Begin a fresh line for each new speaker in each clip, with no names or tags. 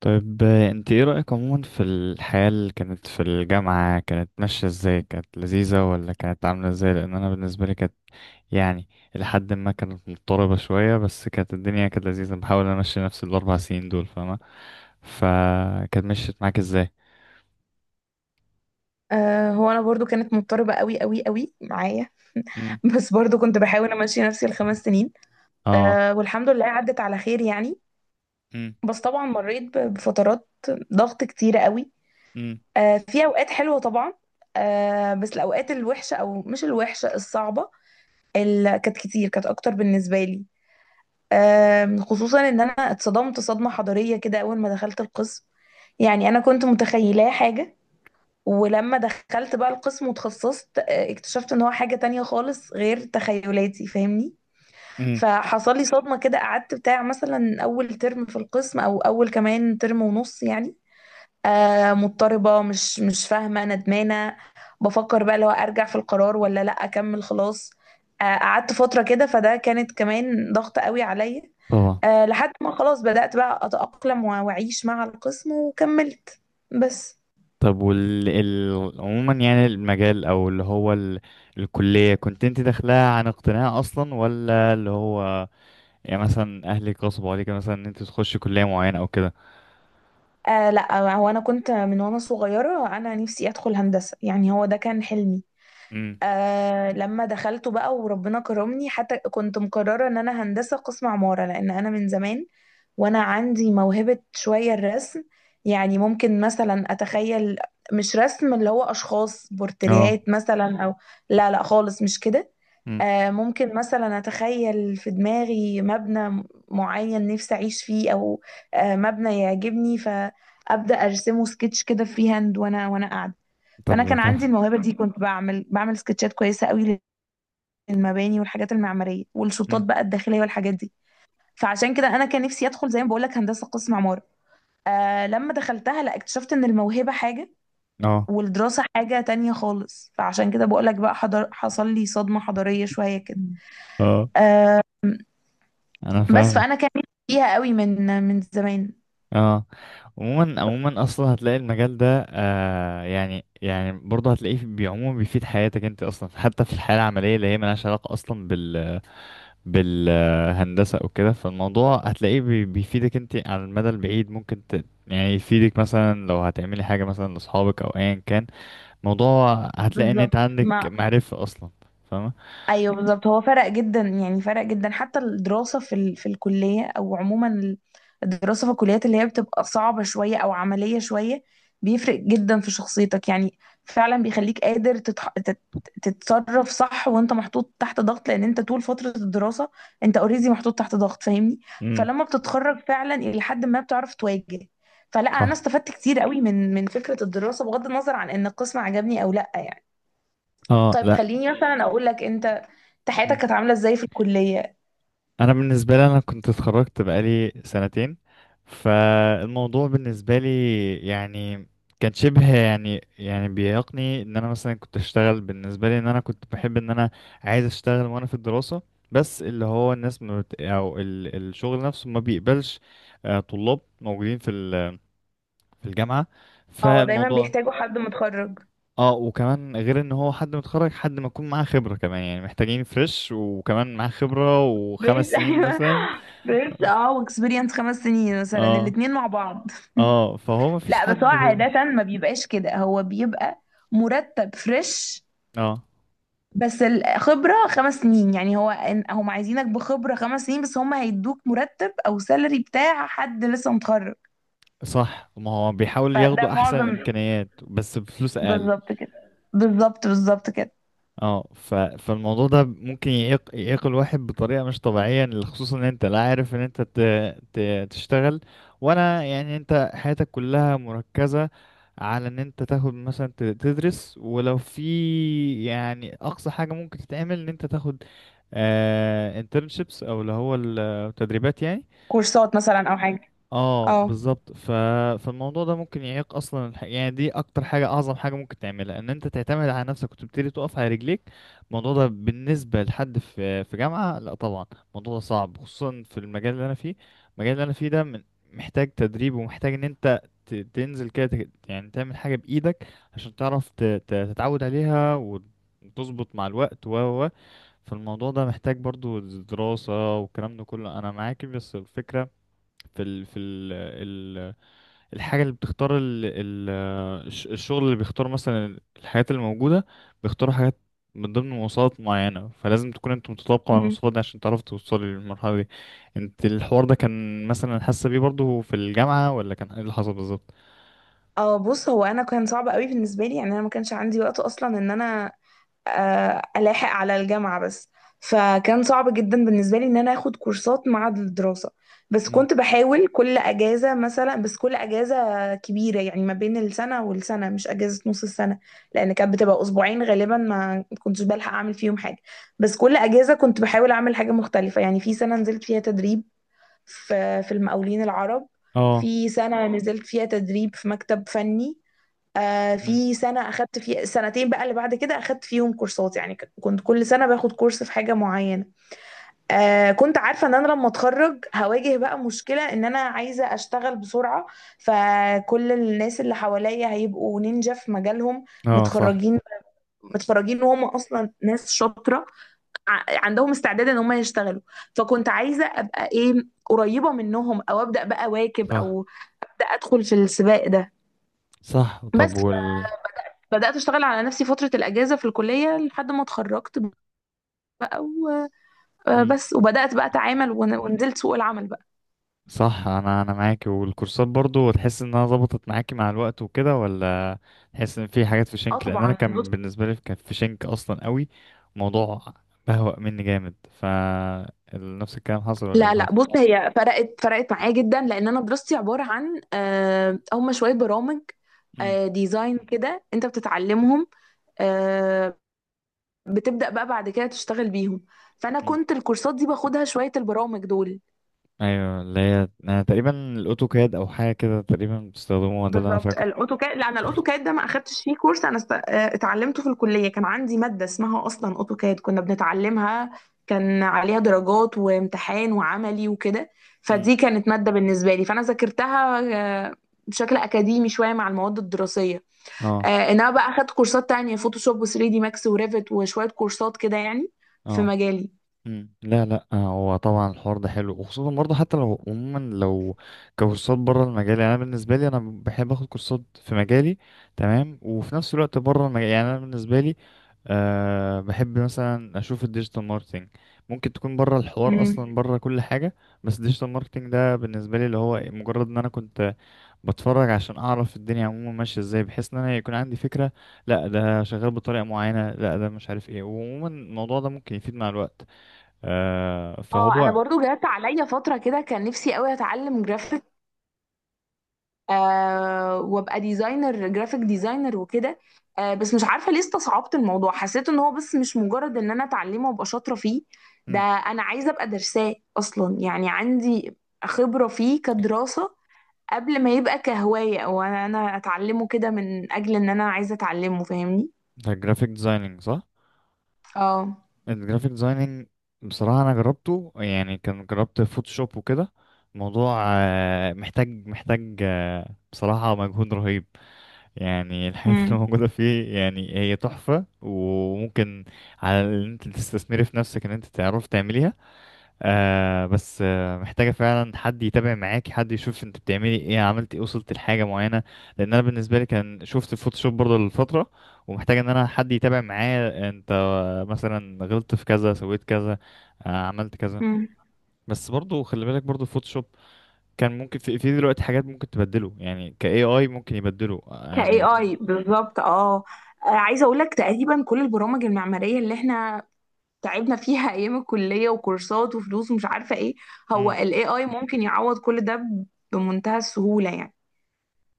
طيب انت ايه رأيك عموما في الحياة اللي كانت في الجامعة، كانت ماشية ازاي؟ كانت لذيذة ولا كانت عاملة ازاي؟ لان انا بالنسبة لي كانت يعني لحد ما كانت مضطربة شوية، بس كانت الدنيا كانت لذيذة. بحاول امشي نفس الاربع سنين دول، فاهمة؟ فكانت مشيت معاك ازاي؟
هو انا برضو كانت مضطربه قوي قوي قوي معايا.
امم.
بس برضو كنت بحاول امشي نفسي الخمس سنين.
اه.
والحمد لله عدت على خير يعني.
امم.
بس طبعا مريت بفترات ضغط كتيره قوي.
امم.
في اوقات حلوه طبعا. بس الاوقات الوحشه او مش الوحشه الصعبه اللي كانت كتير كانت اكتر بالنسبه لي. خصوصا ان انا اتصدمت صدمه حضاريه كده اول ما دخلت القسم، يعني انا كنت متخيلاه حاجه، ولما دخلت بقى القسم وتخصصت اكتشفت ان هو حاجة تانية خالص غير تخيلاتي، فاهمني؟
امم.
فحصل لي صدمة كده، قعدت بتاع مثلا اول ترم في القسم او اول كمان ترم ونص يعني. مضطربة، مش فاهمة، ندمانة، بفكر بقى لو ارجع في القرار ولا لا اكمل خلاص. قعدت فترة كده، فده كانت كمان ضغط قوي عليا.
طبعا.
لحد ما خلاص بدأت بقى اتأقلم واعيش مع القسم وكملت بس.
طب عموما يعني المجال او اللي هو ال... الكلية، كنت انت داخلها عن اقتناع اصلا، ولا اللي هو يعني مثلا اهلك غصبوا عليك مثلا ان انت تخشي كلية معينة او كده؟
لا، هو انا كنت من وانا صغيره انا نفسي ادخل هندسه، يعني هو ده كان حلمي.
امم.
لما دخلته بقى وربنا كرمني، حتى كنت مقرره ان انا هندسه قسم عماره، لان انا من زمان وانا عندي موهبة شوية الرسم، يعني ممكن مثلا اتخيل، مش رسم اللي هو اشخاص
اه.
بورتريهات مثلا او، لا لا خالص مش كده.
امم.
ممكن مثلا اتخيل في دماغي مبنى معين نفسي اعيش فيه، او مبنى يعجبني فابدا ارسمه سكتش كده فري هاند وانا قاعده.
طب
فانا
ده
كان عندي
تحفة.
الموهبه دي، كنت بعمل سكتشات كويسه قوي للمباني والحاجات المعماريه والشطات
امم.
بقى الداخليه والحاجات دي. فعشان كده انا كان نفسي ادخل زي ما بقول لك هندسه قسم عماره. لما دخلتها لا اكتشفت ان الموهبه حاجه
اه.
والدراسه حاجه تانية خالص، فعشان كده بقول لك بقى حضر، حصل لي صدمه حضاريه شويه كده.
مم. اه،
آه
انا
بس
فاهمك.
فانا كان نفسي فيها قوي من زمان.
اه، عموما عموما اصلا هتلاقي المجال ده يعني برضه عموما بيفيد حياتك انت اصلا، حتى في الحياه العمليه اللي هي ملهاش علاقه اصلا بالهندسه او كده. فالموضوع هتلاقيه بيفيدك انت على المدى البعيد. ممكن يعني يفيدك مثلا لو هتعملي حاجه مثلا لاصحابك او ايا كان موضوع، هتلاقي ان انت
بالظبط
عندك
ما،
معرفة اصلا. فاهمة؟
ايوه بالظبط، هو فرق جدا، يعني فرق جدا حتى الدراسه في الكليه او عموما الدراسه في الكليات اللي هي بتبقى صعبه شويه او عمليه شويه، بيفرق جدا في شخصيتك يعني. فعلا بيخليك قادر تتصرف صح وانت محطوط تحت ضغط، لان انت طول فتره الدراسه انت اوريدي محطوط تحت ضغط، فاهمني؟
امم.
فلما بتتخرج فعلا الى حد ما بتعرف تواجه. فلا، انا
صح.
استفدت كتير قوي من فكره الدراسه بغض النظر عن ان القسم عجبني او لا يعني.
اه
طيب
لا.
خليني مثلا اقول لك، انت حياتك
امم.
كانت عامله ازاي في الكليه؟
انا بالنسبة لي، انا كنت اتخرجت بقالي سنتين. فالموضوع بالنسبة لي يعني كان شبه يعني بيعيقني ان انا مثلا كنت اشتغل. بالنسبة لي ان انا كنت بحب ان انا عايز اشتغل وانا في الدراسة، بس اللي هو الناس ما بت... او ال... الشغل نفسه ما بيقبلش طلاب موجودين في الجامعة.
اه دايما
فالموضوع
بيحتاجوا حد متخرج
اه. وكمان غير ان هو حد متخرج، حد ما يكون معاه خبرة كمان، يعني محتاجين فريش وكمان معاه خبرة
فريش.
وخمس سنين
ايوه
مثلا.
فريش، اه، واكسبيرينس 5 سنين مثلا،
اه.
الاتنين مع بعض.
اه، فهو ما فيش
لا بس هو
حد
عاده ما بيبقاش كده، هو بيبقى مرتب فريش
اه.
بس الخبره 5 سنين، يعني هو هم عايزينك بخبره 5 سنين بس هم هيدوك مرتب او سالري بتاع حد لسه متخرج.
صح، ما هو بيحاول
فده
ياخدوا احسن
معظم،
الامكانيات بس بفلوس اقل.
بالظبط كده، بالظبط بالظبط كده.
اه، فالموضوع ده ممكن يعيق الواحد بطريقة مش طبيعية، خصوصا ان انت لا عارف ان انت ت... تشتغل ولا يعني انت حياتك كلها مركزة على ان انت تاخد مثلا تدرس. ولو في يعني اقصى حاجة ممكن تتعمل، ان انت تاخد internships او اللي هو التدريبات يعني.
كورسات مثلا او حاجه.
اه
اه.
بالظبط. فالموضوع ده ممكن يعيق اصلا يعني دي اكتر حاجه، اعظم حاجه ممكن تعملها ان انت تعتمد على نفسك وتبتدي تقف على رجليك. الموضوع ده بالنسبه لحد في جامعه، لا طبعا الموضوع ده صعب، خصوصا في المجال اللي انا فيه. المجال اللي انا فيه ده محتاج تدريب، ومحتاج ان انت تنزل كده يعني تعمل حاجه بايدك عشان تعرف تتعود عليها وتظبط مع الوقت و و و. فالموضوع ده محتاج برضو دراسه، والكلام ده كله انا معاك. بس الفكره في ال في ال ال الحاجة اللي بتختار الشغل اللي بيختار مثلا الحاجات اللي موجودة، بيختاروا حاجات من ضمن مواصفات معينة، فلازم تكون انت متطابق مع
مم.
المواصفات دي عشان تعرف توصلي للمرحلة دي. انت الحوار ده كان مثلا حاسة بيه برضه في الجامعة، ولا كان ايه اللي حصل بالظبط؟
اه بص، هو انا كان صعب قوي بالنسبه لي، يعني انا ما كانش عندي وقت اصلا ان انا الاحق على الجامعه بس. فكان صعب جدا بالنسبه لي ان انا اخد كورسات مع الدراسه، بس
مم.
كنت بحاول كل اجازه مثلا، بس كل اجازه كبيره يعني، ما بين السنه والسنه، مش اجازه نص السنه، لان كانت بتبقى اسبوعين غالبا ما كنتش بلحق اعمل فيهم حاجه. بس كل اجازه كنت بحاول اعمل حاجه مختلفه، يعني في سنه نزلت فيها تدريب في في المقاولين العرب،
اه.
في سنة نزلت فيها تدريب في مكتب فني، آه
مم.
في سنة أخدت فيها سنتين بقى اللي بعد كده أخدت فيهم كورسات، يعني كنت كل سنة باخد كورس في حاجة معينة. كنت عارفة إن أنا لما أتخرج هواجه بقى مشكلة إن أنا عايزة أشتغل بسرعة، فكل الناس اللي حواليا هيبقوا نينجا في مجالهم،
اه. صح.
متخرجين، متخرجين وهم أصلا ناس شاطرة، عندهم استعداد ان هم يشتغلوا. فكنت عايزه ابقى ايه، قريبه منهم او ابدا بقى واكب،
صح.
او ابدا ادخل في السباق ده.
صح.
بس
طب وال.
بدات اشتغل على نفسي فتره الاجازه في الكليه لحد ما اتخرجت بقى،
مم.
وبس، وبدات بقى اتعامل، ونزلت سوق العمل بقى.
صح، انا انا معاكي. والكورسات برضو تحس انها ظبطت معاكي مع الوقت وكده، ولا تحس ان في حاجات في
اه
شنك؟ لان انا
طبعا
كان
بص.
بالنسبه لي كان في شنك اصلا قوي. موضوع بهوأ مني جامد. ف نفس الكلام حصل، ولا ايه
لا
اللي
لا
حصل؟
بص، هي فرقت فرقت معايا جدا، لان انا دراستي عباره عن هم شويه برامج
مم.
ديزاين كده انت بتتعلمهم، آه، بتبدأ بقى بعد كده تشتغل بيهم. فأنا
مم.
كنت الكورسات دي باخدها شوية البرامج دول.
ايوه، اللي هي أنا تقريبا الاوتوكاد او حاجه كده تقريبا بتستخدموها، ده اللي انا
بالظبط
فاكره.
الاوتوكاد، لا انا الاوتوكاد ده ما اخدتش فيه كورس، انا است... آه، اتعلمته في الكليه، كان عندي ماده اسمها اصلا اوتوكاد كنا بنتعلمها، كان عليها درجات وامتحان وعملي وكده،
مم.
فدي كانت ماده بالنسبه لي، فانا ذاكرتها آه، بشكل اكاديمي شويه مع المواد الدراسيه.
اه.
انما بقى اخدت كورسات تانية، فوتوشوب و3 دي ماكس وريفت وشويه كورسات كده يعني، في
اه.
مجالي.
مم. لا، هو طبعا الحوار ده حلو، وخصوصا برضه حتى لو عموما لو كورسات بره المجال. يعني انا بالنسبه لي انا بحب اخد كورسات في مجالي تمام، وفي نفس الوقت بره المجال. يعني انا بالنسبه لي أه بحب مثلا اشوف الديجيتال ماركتنج، ممكن تكون بره الحوار
مم.
اصلا، بره كل حاجه. بس الديجيتال ماركتنج ده بالنسبه لي اللي هو مجرد ان انا كنت بتفرج عشان اعرف الدنيا عموما ماشيه ازاي، بحيث ان انا يكون عندي فكره. لا ده شغال بطريقه معينه، لا ده مش عارف ايه، وعموما الموضوع ده ممكن يفيد مع الوقت.
اه انا
فهو
برضو جات عليا فتره كده كان نفسي قوي اتعلم جرافيك وابقى ديزاينر، جرافيك ديزاينر وكده. بس مش عارفه ليه استصعبت الموضوع، حسيت ان هو بس مش مجرد ان انا اتعلمه وابقى شاطره فيه، ده
مم.
انا عايزه ابقى درساه اصلا، يعني عندي خبره فيه كدراسه قبل ما يبقى كهوايه، او انا اتعلمه كده من اجل ان انا عايزه اتعلمه، فاهمني؟
ده جرافيك ديزايننج، صح؟
اه.
الجرافيك ديزايننج بصراحة انا جربته، يعني كان جربت فوتوشوب وكده. الموضوع محتاج محتاج بصراحة مجهود رهيب يعني. الحاجات اللي موجودة فيه يعني هي تحفة، وممكن على ان انت تستثمري في نفسك ان انت تعرف تعمليها. بس محتاجة فعلا حد يتابع معاك، حد يشوف انت بتعملي ايه، عملت ايه، وصلت لحاجة معينة. لان انا بالنسبة لي كان شفت الفوتوشوب برضه لفترة، ومحتاج ان انا حد يتابع معايا انت مثلا غلطت في كذا، سويت كذا، عملت كذا.
امم
بس برضه خلي بالك برضه الفوتوشوب كان ممكن في دلوقتي حاجات ممكن تبدله، يعني ك AI ممكن يبدله
كاي
يعني.
اي بالظبط، اه. عايزه اقول لك تقريبا كل البرامج المعماريه اللي احنا تعبنا فيها ايام الكليه وكورسات وفلوس ومش عارفه ايه، هو
مم.
الاي اي ممكن يعوض كل ده بمنتهى السهوله يعني.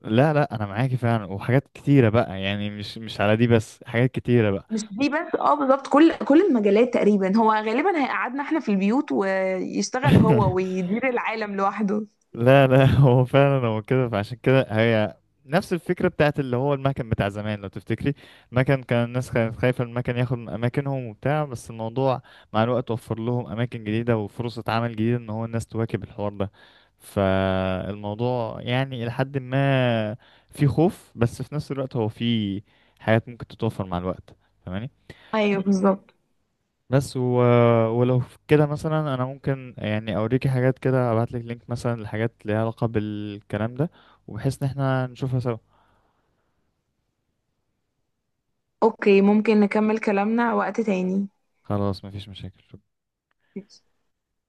لا، انا معاكي فعلا. وحاجات كتيرة بقى، يعني مش على دي بس، حاجات كتيرة بقى.
مش دي بس، اه بالظبط، كل المجالات تقريبا، هو غالبا هيقعدنا احنا في البيوت ويشتغل هو ويدير العالم لوحده.
لا لا، هو فعلا هو كده. فعشان كده هي نفس الفكرة بتاعت اللي هو المكن بتاع زمان، لو تفتكري. المكن كان الناس كانت خايفة المكن ياخد من أماكنهم وبتاع، بس الموضوع مع الوقت وفر لهم أماكن جديدة وفرصة عمل جديدة إن هو الناس تواكب الحوار ده. فالموضوع يعني إلى حد ما في خوف، بس في نفس الوقت هو في حاجات ممكن تتوفر مع الوقت. فاهماني؟
ايوه بالظبط.
بس ولو في كده مثلا انا ممكن يعني اوريكي حاجات كده، ابعتلك لينك مثلا لحاجات ليها علاقة بالكلام ده، وبحيث ان احنا نشوفها سوا.
اوكي، ممكن نكمل كلامنا وقت تاني.
خلاص مفيش مشاكل.